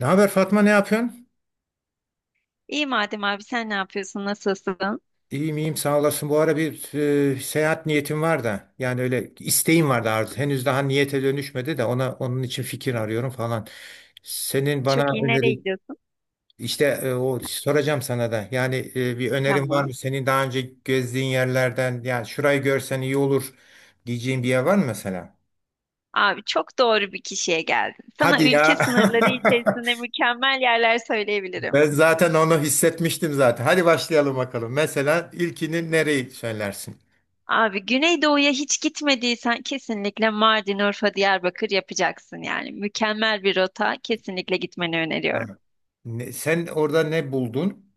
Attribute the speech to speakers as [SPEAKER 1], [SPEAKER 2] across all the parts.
[SPEAKER 1] Ne haber Fatma, ne yapıyorsun?
[SPEAKER 2] İyi madem abi sen ne yapıyorsun? Nasılsın?
[SPEAKER 1] İyiyim iyiyim, sağ olasın. Bu ara bir seyahat niyetim var da, yani öyle isteğim vardı, arzu. Henüz daha niyete dönüşmedi de onun için fikir arıyorum falan. Senin bana
[SPEAKER 2] Çok iyi. Nereye
[SPEAKER 1] öneri,
[SPEAKER 2] gidiyorsun?
[SPEAKER 1] işte o soracağım sana da. Yani bir önerin var
[SPEAKER 2] Tamam.
[SPEAKER 1] mı? Senin daha önce gezdiğin yerlerden, yani şurayı görsen iyi olur diyeceğin bir yer var mı mesela?
[SPEAKER 2] Abi çok doğru bir kişiye geldin. Sana
[SPEAKER 1] Hadi ya.
[SPEAKER 2] ülke sınırları içerisinde mükemmel yerler söyleyebilirim.
[SPEAKER 1] Ben zaten onu hissetmiştim zaten. Hadi başlayalım bakalım. Mesela ilkini nereyi söylersin?
[SPEAKER 2] Abi Güneydoğu'ya hiç gitmediysen kesinlikle Mardin, Urfa, Diyarbakır yapacaksın yani. Mükemmel bir rota. Kesinlikle gitmeni öneriyorum.
[SPEAKER 1] Sen orada ne buldun?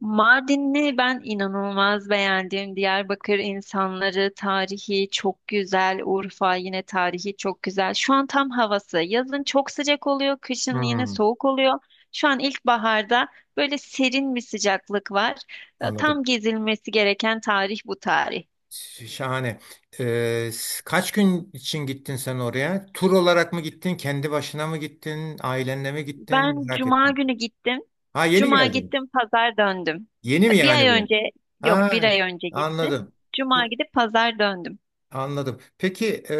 [SPEAKER 2] Mardin'i ben inanılmaz beğendim. Diyarbakır insanları, tarihi çok güzel. Urfa yine tarihi çok güzel. Şu an tam havası. Yazın çok sıcak oluyor, kışın yine
[SPEAKER 1] Hmm.
[SPEAKER 2] soğuk oluyor. Şu an ilkbaharda böyle serin bir sıcaklık var. E,
[SPEAKER 1] Anladım.
[SPEAKER 2] Tam gezilmesi gereken tarih bu tarih.
[SPEAKER 1] Şahane. Kaç gün için gittin sen oraya? Tur olarak mı gittin? Kendi başına mı gittin? Ailenle mi gittin?
[SPEAKER 2] Ben
[SPEAKER 1] Merak
[SPEAKER 2] cuma
[SPEAKER 1] ettim.
[SPEAKER 2] günü gittim.
[SPEAKER 1] Ha, yeni
[SPEAKER 2] Cuma
[SPEAKER 1] geldin.
[SPEAKER 2] gittim, pazar döndüm.
[SPEAKER 1] Yeni mi
[SPEAKER 2] E, Bir
[SPEAKER 1] yani
[SPEAKER 2] ay
[SPEAKER 1] bu?
[SPEAKER 2] önce, yok
[SPEAKER 1] Ha,
[SPEAKER 2] bir ay önce gittim.
[SPEAKER 1] anladım.
[SPEAKER 2] Cuma
[SPEAKER 1] Çok-
[SPEAKER 2] gidip pazar döndüm.
[SPEAKER 1] Anladım. Peki,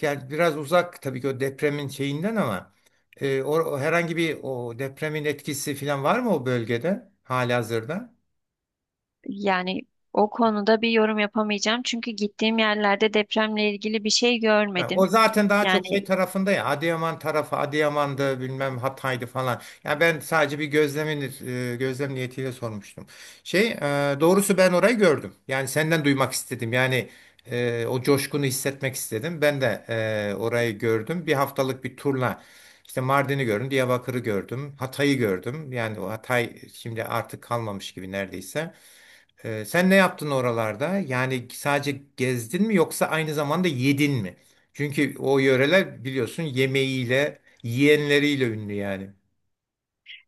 [SPEAKER 1] yani biraz uzak tabii ki o depremin şeyinden, ama o herhangi bir, o depremin etkisi falan var mı o bölgede halihazırda?
[SPEAKER 2] Yani o konuda bir yorum yapamayacağım. Çünkü gittiğim yerlerde depremle ilgili bir şey
[SPEAKER 1] Ha, o
[SPEAKER 2] görmedim.
[SPEAKER 1] zaten daha
[SPEAKER 2] Yani
[SPEAKER 1] çok şey tarafında, ya Adıyaman tarafı, Adıyaman'dı bilmem Hatay'dı falan. Ya ben sadece bir gözlem niyetiyle sormuştum. Şey e, Doğrusu ben orayı gördüm. Yani senden duymak istedim. Yani o coşkunu hissetmek istedim. Ben de orayı gördüm. Bir haftalık bir turla işte Mardin'i gördüm, Diyarbakır'ı gördüm, Hatay'ı gördüm. Yani o Hatay şimdi artık kalmamış gibi neredeyse. Sen ne yaptın oralarda? Yani sadece gezdin mi, yoksa aynı zamanda yedin mi? Çünkü o yöreler biliyorsun yemeğiyle, yiyenleriyle ünlü yani.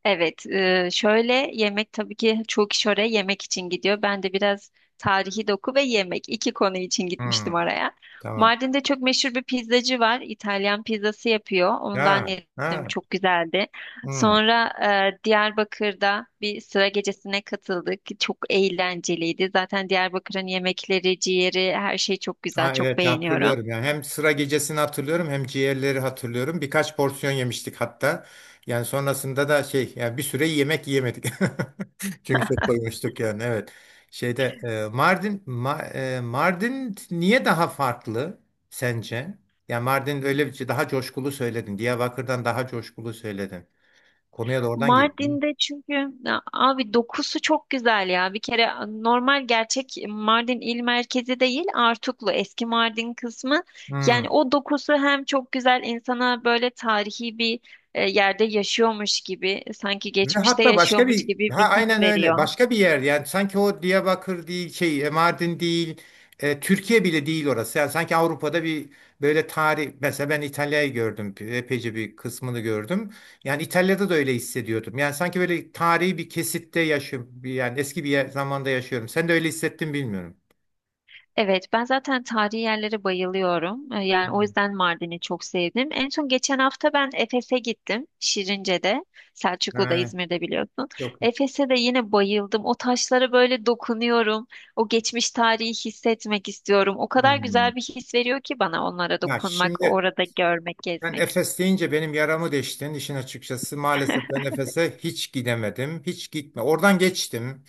[SPEAKER 2] evet, şöyle yemek tabii ki çoğu kişi oraya yemek için gidiyor. Ben de biraz tarihi doku ve yemek iki konu için
[SPEAKER 1] Hmm,
[SPEAKER 2] gitmiştim oraya.
[SPEAKER 1] tamam.
[SPEAKER 2] Mardin'de çok meşhur bir pizzacı var. İtalyan pizzası yapıyor. Ondan
[SPEAKER 1] Ya,
[SPEAKER 2] yedim,
[SPEAKER 1] ha,
[SPEAKER 2] çok güzeldi.
[SPEAKER 1] hmm.
[SPEAKER 2] Sonra Diyarbakır'da bir sıra gecesine katıldık. Çok eğlenceliydi. Zaten Diyarbakır'ın yemekleri, ciğeri, her şey çok güzel,
[SPEAKER 1] Ha,
[SPEAKER 2] çok
[SPEAKER 1] evet,
[SPEAKER 2] beğeniyorum.
[SPEAKER 1] hatırlıyorum, yani hem sıra gecesini hatırlıyorum hem ciğerleri hatırlıyorum. Birkaç porsiyon yemiştik hatta. Yani sonrasında da şey, yani bir süre yemek yiyemedik. Çünkü çok doymuştuk yani, evet. Şeyde e, Mardin Ma- e, Mardin niye daha farklı sence? Yani Mardin öyle bir şey, daha coşkulu söyledin. Diyarbakır'dan daha coşkulu söyledin. Konuya da oradan girdin.
[SPEAKER 2] Mardin'de çünkü ya abi dokusu çok güzel ya. Bir kere normal gerçek Mardin il merkezi değil, Artuklu eski Mardin kısmı. Yani
[SPEAKER 1] Hmm.
[SPEAKER 2] o dokusu hem çok güzel insana böyle tarihi bir yerde yaşıyormuş gibi, sanki
[SPEAKER 1] Ve
[SPEAKER 2] geçmişte
[SPEAKER 1] hatta başka
[SPEAKER 2] yaşıyormuş
[SPEAKER 1] bir ha
[SPEAKER 2] gibi bir his
[SPEAKER 1] aynen öyle,
[SPEAKER 2] veriyor.
[SPEAKER 1] başka bir yer. Yani sanki o Diyarbakır değil, Mardin değil, Türkiye bile değil orası. Yani sanki Avrupa'da bir, böyle tarih. Mesela ben İtalya'yı gördüm, epeyce bir kısmını gördüm. Yani İtalya'da da öyle hissediyordum, yani sanki böyle tarihi bir kesitte yaşıyorum, yani eski bir zamanda yaşıyorum. Sen de öyle hissettin bilmiyorum.
[SPEAKER 2] Evet, ben zaten tarihi yerlere bayılıyorum. Yani o
[SPEAKER 1] Hmm.
[SPEAKER 2] yüzden Mardin'i çok sevdim. En son geçen hafta ben Efes'e gittim. Şirince'de, Selçuklu'da,
[SPEAKER 1] Ha,
[SPEAKER 2] İzmir'de biliyorsun.
[SPEAKER 1] yok.
[SPEAKER 2] Efes'e de yine bayıldım. O taşlara böyle dokunuyorum. O geçmiş tarihi hissetmek istiyorum. O kadar
[SPEAKER 1] Hmm.
[SPEAKER 2] güzel bir his veriyor ki bana onlara
[SPEAKER 1] Ya
[SPEAKER 2] dokunmak,
[SPEAKER 1] şimdi,
[SPEAKER 2] orada görmek,
[SPEAKER 1] ben
[SPEAKER 2] gezmek.
[SPEAKER 1] Efes deyince benim yaramı deştin işin açıkçası. Maalesef ben Efes'e hiç gidemedim. Hiç gitme. Oradan geçtim.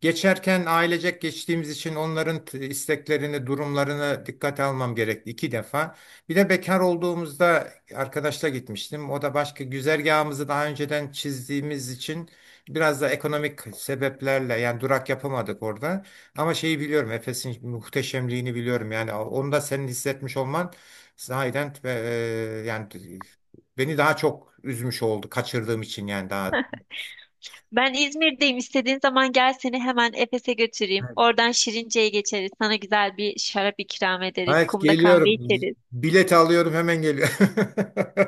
[SPEAKER 1] Geçerken ailecek geçtiğimiz için onların isteklerini, durumlarını dikkate almam gerekti iki defa. Bir de bekar olduğumuzda arkadaşla gitmiştim. O da başka, güzergahımızı daha önceden çizdiğimiz için biraz da ekonomik sebeplerle yani durak yapamadık orada. Ama şeyi biliyorum, Efes'in muhteşemliğini biliyorum. Yani onu da senin hissetmiş olman, sahiden yani beni daha çok üzmüş oldu kaçırdığım için, yani daha...
[SPEAKER 2] Ben İzmir'deyim. İstediğin zaman gel seni hemen Efes'e götüreyim. Oradan Şirince'ye geçeriz. Sana güzel bir şarap ikram ederiz.
[SPEAKER 1] Evet,
[SPEAKER 2] Kumda kahve
[SPEAKER 1] geliyorum.
[SPEAKER 2] içeriz.
[SPEAKER 1] Bilet alıyorum, hemen geliyorum.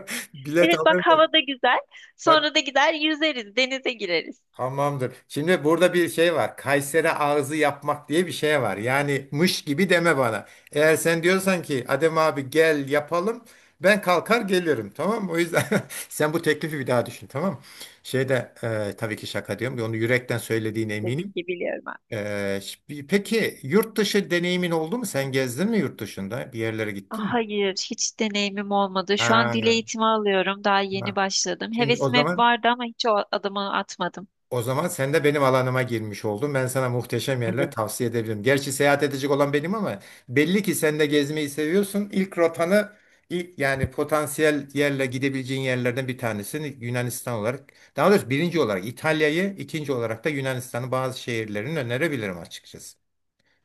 [SPEAKER 1] Bilet
[SPEAKER 2] Evet bak
[SPEAKER 1] alıyorum.
[SPEAKER 2] havada güzel.
[SPEAKER 1] Bak,
[SPEAKER 2] Sonra da gider yüzeriz, denize gireriz.
[SPEAKER 1] tamamdır. Şimdi burada bir şey var. Kayseri ağzı yapmak diye bir şey var. Yani mış gibi deme bana. Eğer sen diyorsan ki Adem abi gel yapalım, ben kalkar gelirim. Tamam mı? O yüzden sen bu teklifi bir daha düşün. Tamam mı? Tabii ki şaka diyorum. Onu yürekten söylediğine
[SPEAKER 2] Tabii
[SPEAKER 1] eminim.
[SPEAKER 2] ki biliyorum ben.
[SPEAKER 1] Peki yurt dışı deneyimin oldu mu? Sen gezdin mi yurt dışında? Bir yerlere
[SPEAKER 2] Ah,
[SPEAKER 1] gittin mi?
[SPEAKER 2] hayır, hiç deneyimim olmadı. Şu an dil
[SPEAKER 1] Ha,
[SPEAKER 2] eğitimi alıyorum. Daha yeni
[SPEAKER 1] ha.
[SPEAKER 2] başladım.
[SPEAKER 1] Şimdi o
[SPEAKER 2] Hevesim hep
[SPEAKER 1] zaman
[SPEAKER 2] vardı ama hiç o adımı atmadım.
[SPEAKER 1] o zaman sen de benim alanıma girmiş oldun. Ben sana muhteşem yerler
[SPEAKER 2] Evet.
[SPEAKER 1] tavsiye edebilirim. Gerçi seyahat edecek olan benim ama belli ki sen de gezmeyi seviyorsun. İlk rotanı, ilk yani potansiyel yerle gidebileceğin yerlerden bir tanesini Yunanistan olarak, daha doğrusu birinci olarak İtalya'yı, ikinci olarak da Yunanistan'ın bazı şehirlerini önerebilirim açıkçası.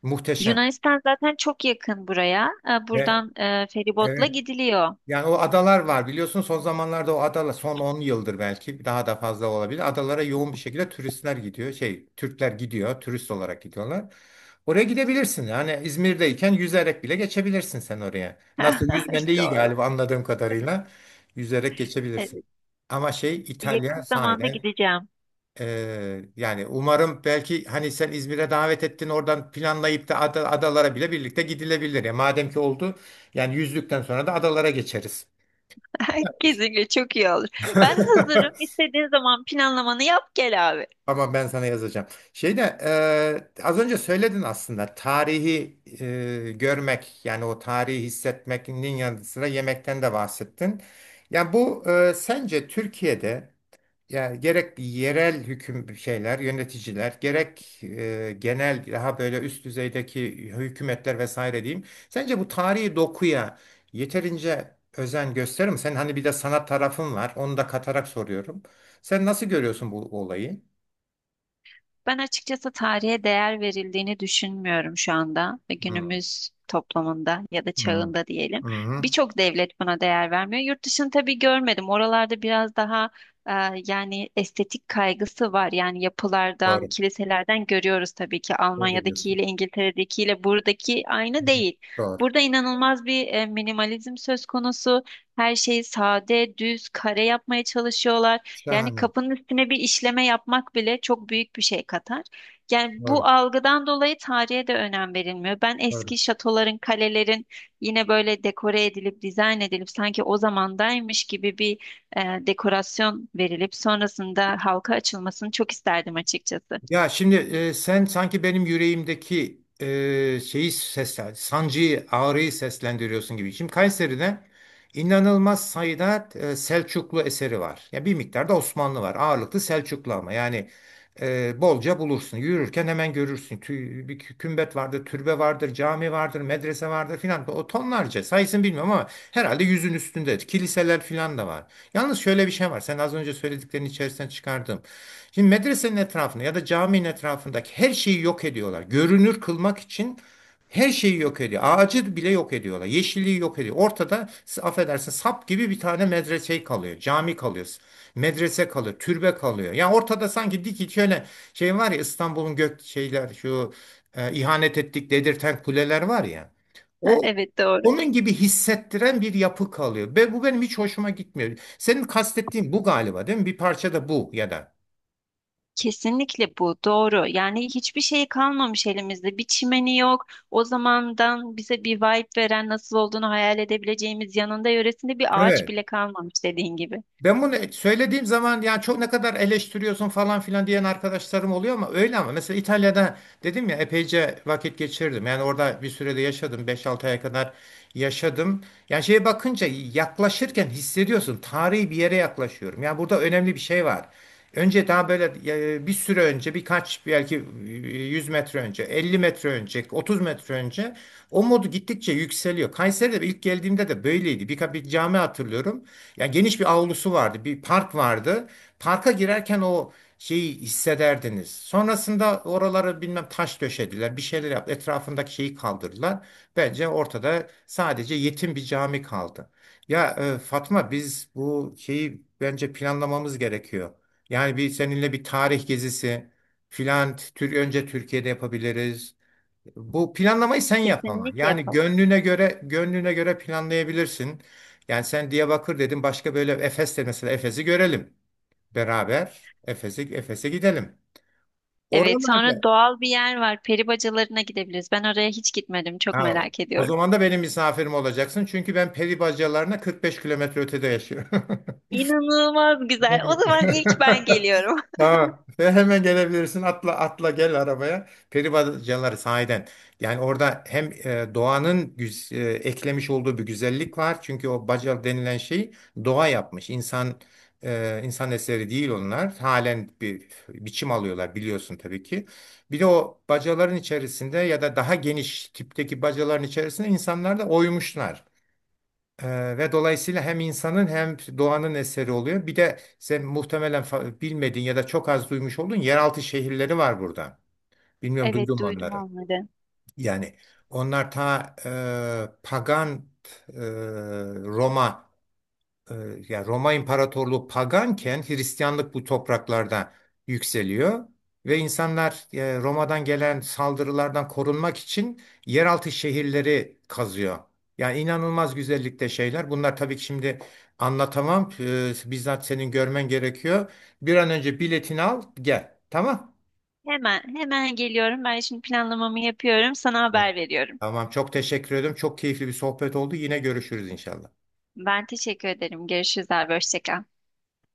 [SPEAKER 1] Muhteşem.
[SPEAKER 2] Yunanistan zaten çok yakın buraya.
[SPEAKER 1] Ve
[SPEAKER 2] Buradan feribotla
[SPEAKER 1] evet.
[SPEAKER 2] gidiliyor.
[SPEAKER 1] Yani o adalar var, biliyorsun son zamanlarda o adalar, son 10 yıldır, belki daha da fazla olabilir, adalara yoğun bir şekilde turistler gidiyor. Türkler gidiyor, turist olarak gidiyorlar. Oraya gidebilirsin. Yani İzmir'deyken yüzerek bile geçebilirsin sen oraya. Nasıl, yüzmen de iyi
[SPEAKER 2] Doğru.
[SPEAKER 1] galiba anladığım kadarıyla. Yüzerek geçebilirsin.
[SPEAKER 2] Evet.
[SPEAKER 1] Ama İtalya
[SPEAKER 2] Yakın zamanda
[SPEAKER 1] sahiden
[SPEAKER 2] gideceğim.
[SPEAKER 1] yani umarım, belki hani sen İzmir'e davet ettin, oradan planlayıp da adalara bile birlikte gidilebilir. Ya madem ki oldu, yani yüzdükten sonra da adalara geçeriz.
[SPEAKER 2] Kesinlikle çok iyi olur. Ben hazırım. İstediğin zaman planlamanı yap gel abi.
[SPEAKER 1] ama ben sana yazacağım. Şeyde Az önce söyledin aslında, tarihi görmek, yani o tarihi hissetmenin yanı sıra yemekten de bahsettin. Yani bu, sence Türkiye'de, yani gerek yerel hüküm şeyler, yöneticiler, gerek genel daha böyle üst düzeydeki hükümetler vesaire diyeyim, sence bu tarihi dokuya yeterince özen gösterir mi? Sen hani bir de sanat tarafın var. Onu da katarak soruyorum. Sen nasıl görüyorsun bu olayı?
[SPEAKER 2] Ben açıkçası tarihe değer verildiğini düşünmüyorum şu anda ve
[SPEAKER 1] Hı,
[SPEAKER 2] günümüz toplumunda ya da
[SPEAKER 1] hı,
[SPEAKER 2] çağında diyelim.
[SPEAKER 1] hı.
[SPEAKER 2] Birçok devlet buna değer vermiyor. Yurt dışını tabii görmedim. Oralarda biraz daha e, yani estetik kaygısı var. Yani yapılardan,
[SPEAKER 1] Doğru.
[SPEAKER 2] kiliselerden görüyoruz tabii ki
[SPEAKER 1] Doğru diyorsun.
[SPEAKER 2] Almanya'dakiyle, İngiltere'dekiyle buradaki aynı
[SPEAKER 1] Hı,
[SPEAKER 2] değil.
[SPEAKER 1] doğru.
[SPEAKER 2] Burada inanılmaz bir minimalizm söz konusu. Her şeyi sade, düz, kare yapmaya çalışıyorlar. Yani
[SPEAKER 1] Şahane.
[SPEAKER 2] kapının üstüne bir işleme yapmak bile çok büyük bir şey katar. Yani bu
[SPEAKER 1] Doğru.
[SPEAKER 2] algıdan dolayı tarihe de önem verilmiyor. Ben
[SPEAKER 1] Doğru.
[SPEAKER 2] eski şatoların, kalelerin yine böyle dekore edilip, dizayn edilip sanki o zamandaymış gibi bir dekorasyon verilip sonrasında halka açılmasını çok isterdim açıkçası.
[SPEAKER 1] Ya şimdi, sen sanki benim yüreğimdeki şeyi, seslen, sancıyı, ağrıyı seslendiriyorsun gibi. Şimdi Kayseri'de inanılmaz sayıda Selçuklu eseri var. Ya bir miktar da Osmanlı var. Ağırlıklı Selçuklu ama yani bolca bulursun. Yürürken hemen görürsün. Bir kümbet vardır, türbe vardır, cami vardır, medrese vardır filan. O tonlarca sayısını bilmiyorum ama herhalde yüzün üstünde. Kiliseler filan da var. Yalnız şöyle bir şey var. Sen az önce söylediklerin içerisinden çıkardım. Şimdi medresenin etrafında ya da caminin etrafındaki her şeyi yok ediyorlar. Görünür kılmak için her şeyi yok ediyor. Ağacı bile yok ediyorlar. Yeşilliği yok ediyor. Ortada, affedersin, sap gibi bir tane medrese kalıyor. Cami kalıyor. Medrese kalıyor. Türbe kalıyor. Yani ortada sanki dik, şöyle şey var ya, İstanbul'un gök şeyler, şu ihanet ettik dedirten kuleler var ya,
[SPEAKER 2] Ha,
[SPEAKER 1] O
[SPEAKER 2] evet doğru.
[SPEAKER 1] onun gibi hissettiren bir yapı kalıyor. Ve bu benim hiç hoşuma gitmiyor. Senin kastettiğin bu galiba, değil mi? Bir parça da bu ya da.
[SPEAKER 2] Kesinlikle bu doğru. Yani hiçbir şey kalmamış elimizde. Bir çimeni yok. O zamandan bize bir vibe veren nasıl olduğunu hayal edebileceğimiz yanında yöresinde bir ağaç
[SPEAKER 1] Evet.
[SPEAKER 2] bile kalmamış dediğin gibi.
[SPEAKER 1] Ben bunu söylediğim zaman yani, çok ne kadar eleştiriyorsun falan filan diyen arkadaşlarım oluyor ama öyle. Ama mesela İtalya'da, dedim ya, epeyce vakit geçirdim. Yani orada bir sürede yaşadım. 5-6 aya kadar yaşadım. Yani şeye bakınca, yaklaşırken hissediyorsun. Tarihi bir yere yaklaşıyorum, yani burada önemli bir şey var. Önce daha böyle bir süre önce, birkaç belki, 100 metre önce, 50 metre önce, 30 metre önce, o modu gittikçe yükseliyor. Kayseri'de ilk geldiğimde de böyleydi. Birkaç bir cami hatırlıyorum. Yani geniş bir avlusu vardı, bir park vardı. Parka girerken o şeyi hissederdiniz. Sonrasında oraları bilmem taş döşediler, bir şeyler yaptı. Etrafındaki şeyi kaldırdılar. Bence ortada sadece yetim bir cami kaldı. Ya Fatma, biz bu şeyi bence planlamamız gerekiyor. Yani bir seninle bir tarih gezisi filan tür önce Türkiye'de yapabiliriz. Bu planlamayı sen yap ama.
[SPEAKER 2] Kesinlikle
[SPEAKER 1] Yani
[SPEAKER 2] yapalım.
[SPEAKER 1] gönlüne göre, gönlüne göre planlayabilirsin. Yani sen Diyarbakır dedin, başka böyle Efes de, mesela Efes'i görelim beraber. Efes'e gidelim.
[SPEAKER 2] Evet, sonra
[SPEAKER 1] Oralarda...
[SPEAKER 2] doğal bir yer var. Peri bacalarına gidebiliriz. Ben oraya hiç gitmedim. Çok
[SPEAKER 1] Ha,
[SPEAKER 2] merak
[SPEAKER 1] o
[SPEAKER 2] ediyorum.
[SPEAKER 1] zaman da benim misafirim olacaksın. Çünkü ben peri bacalarına 45 kilometre ötede yaşıyorum.
[SPEAKER 2] İnanılmaz güzel. O
[SPEAKER 1] Evet.
[SPEAKER 2] zaman ilk ben geliyorum.
[SPEAKER 1] Tamam. Ve hemen gelebilirsin. Atla atla gel arabaya. Peribacaları sahiden. Yani orada hem eklemiş olduğu bir güzellik var. Çünkü o baca denilen şey, doğa yapmış. İnsan eseri değil onlar. Halen bir biçim alıyorlar biliyorsun tabii ki. Bir de o bacaların içerisinde ya da daha geniş tipteki bacaların içerisinde insanlar da oymuşlar. Ve dolayısıyla hem insanın hem doğanın eseri oluyor. Bir de sen muhtemelen bilmediğin ya da çok az duymuş olduğun yeraltı şehirleri var burada. Bilmiyorum,
[SPEAKER 2] Evet,
[SPEAKER 1] duydun mu
[SPEAKER 2] duydum
[SPEAKER 1] onları.
[SPEAKER 2] onları.
[SPEAKER 1] Yani onlar ta pagan, e, Roma, e, yani Roma İmparatorluğu paganken Hristiyanlık bu topraklarda yükseliyor ve insanlar Roma'dan gelen saldırılardan korunmak için yeraltı şehirleri kazıyor. Yani inanılmaz güzellikte şeyler. Bunlar tabii ki şimdi anlatamam. Bizzat senin görmen gerekiyor. Bir an önce biletini al, gel. Tamam.
[SPEAKER 2] Hemen, hemen geliyorum. Ben şimdi planlamamı yapıyorum. Sana haber veriyorum.
[SPEAKER 1] Tamam, çok teşekkür ederim. Çok keyifli bir sohbet oldu. Yine görüşürüz inşallah.
[SPEAKER 2] Ben teşekkür ederim. Görüşürüz abi. Hoşça kal.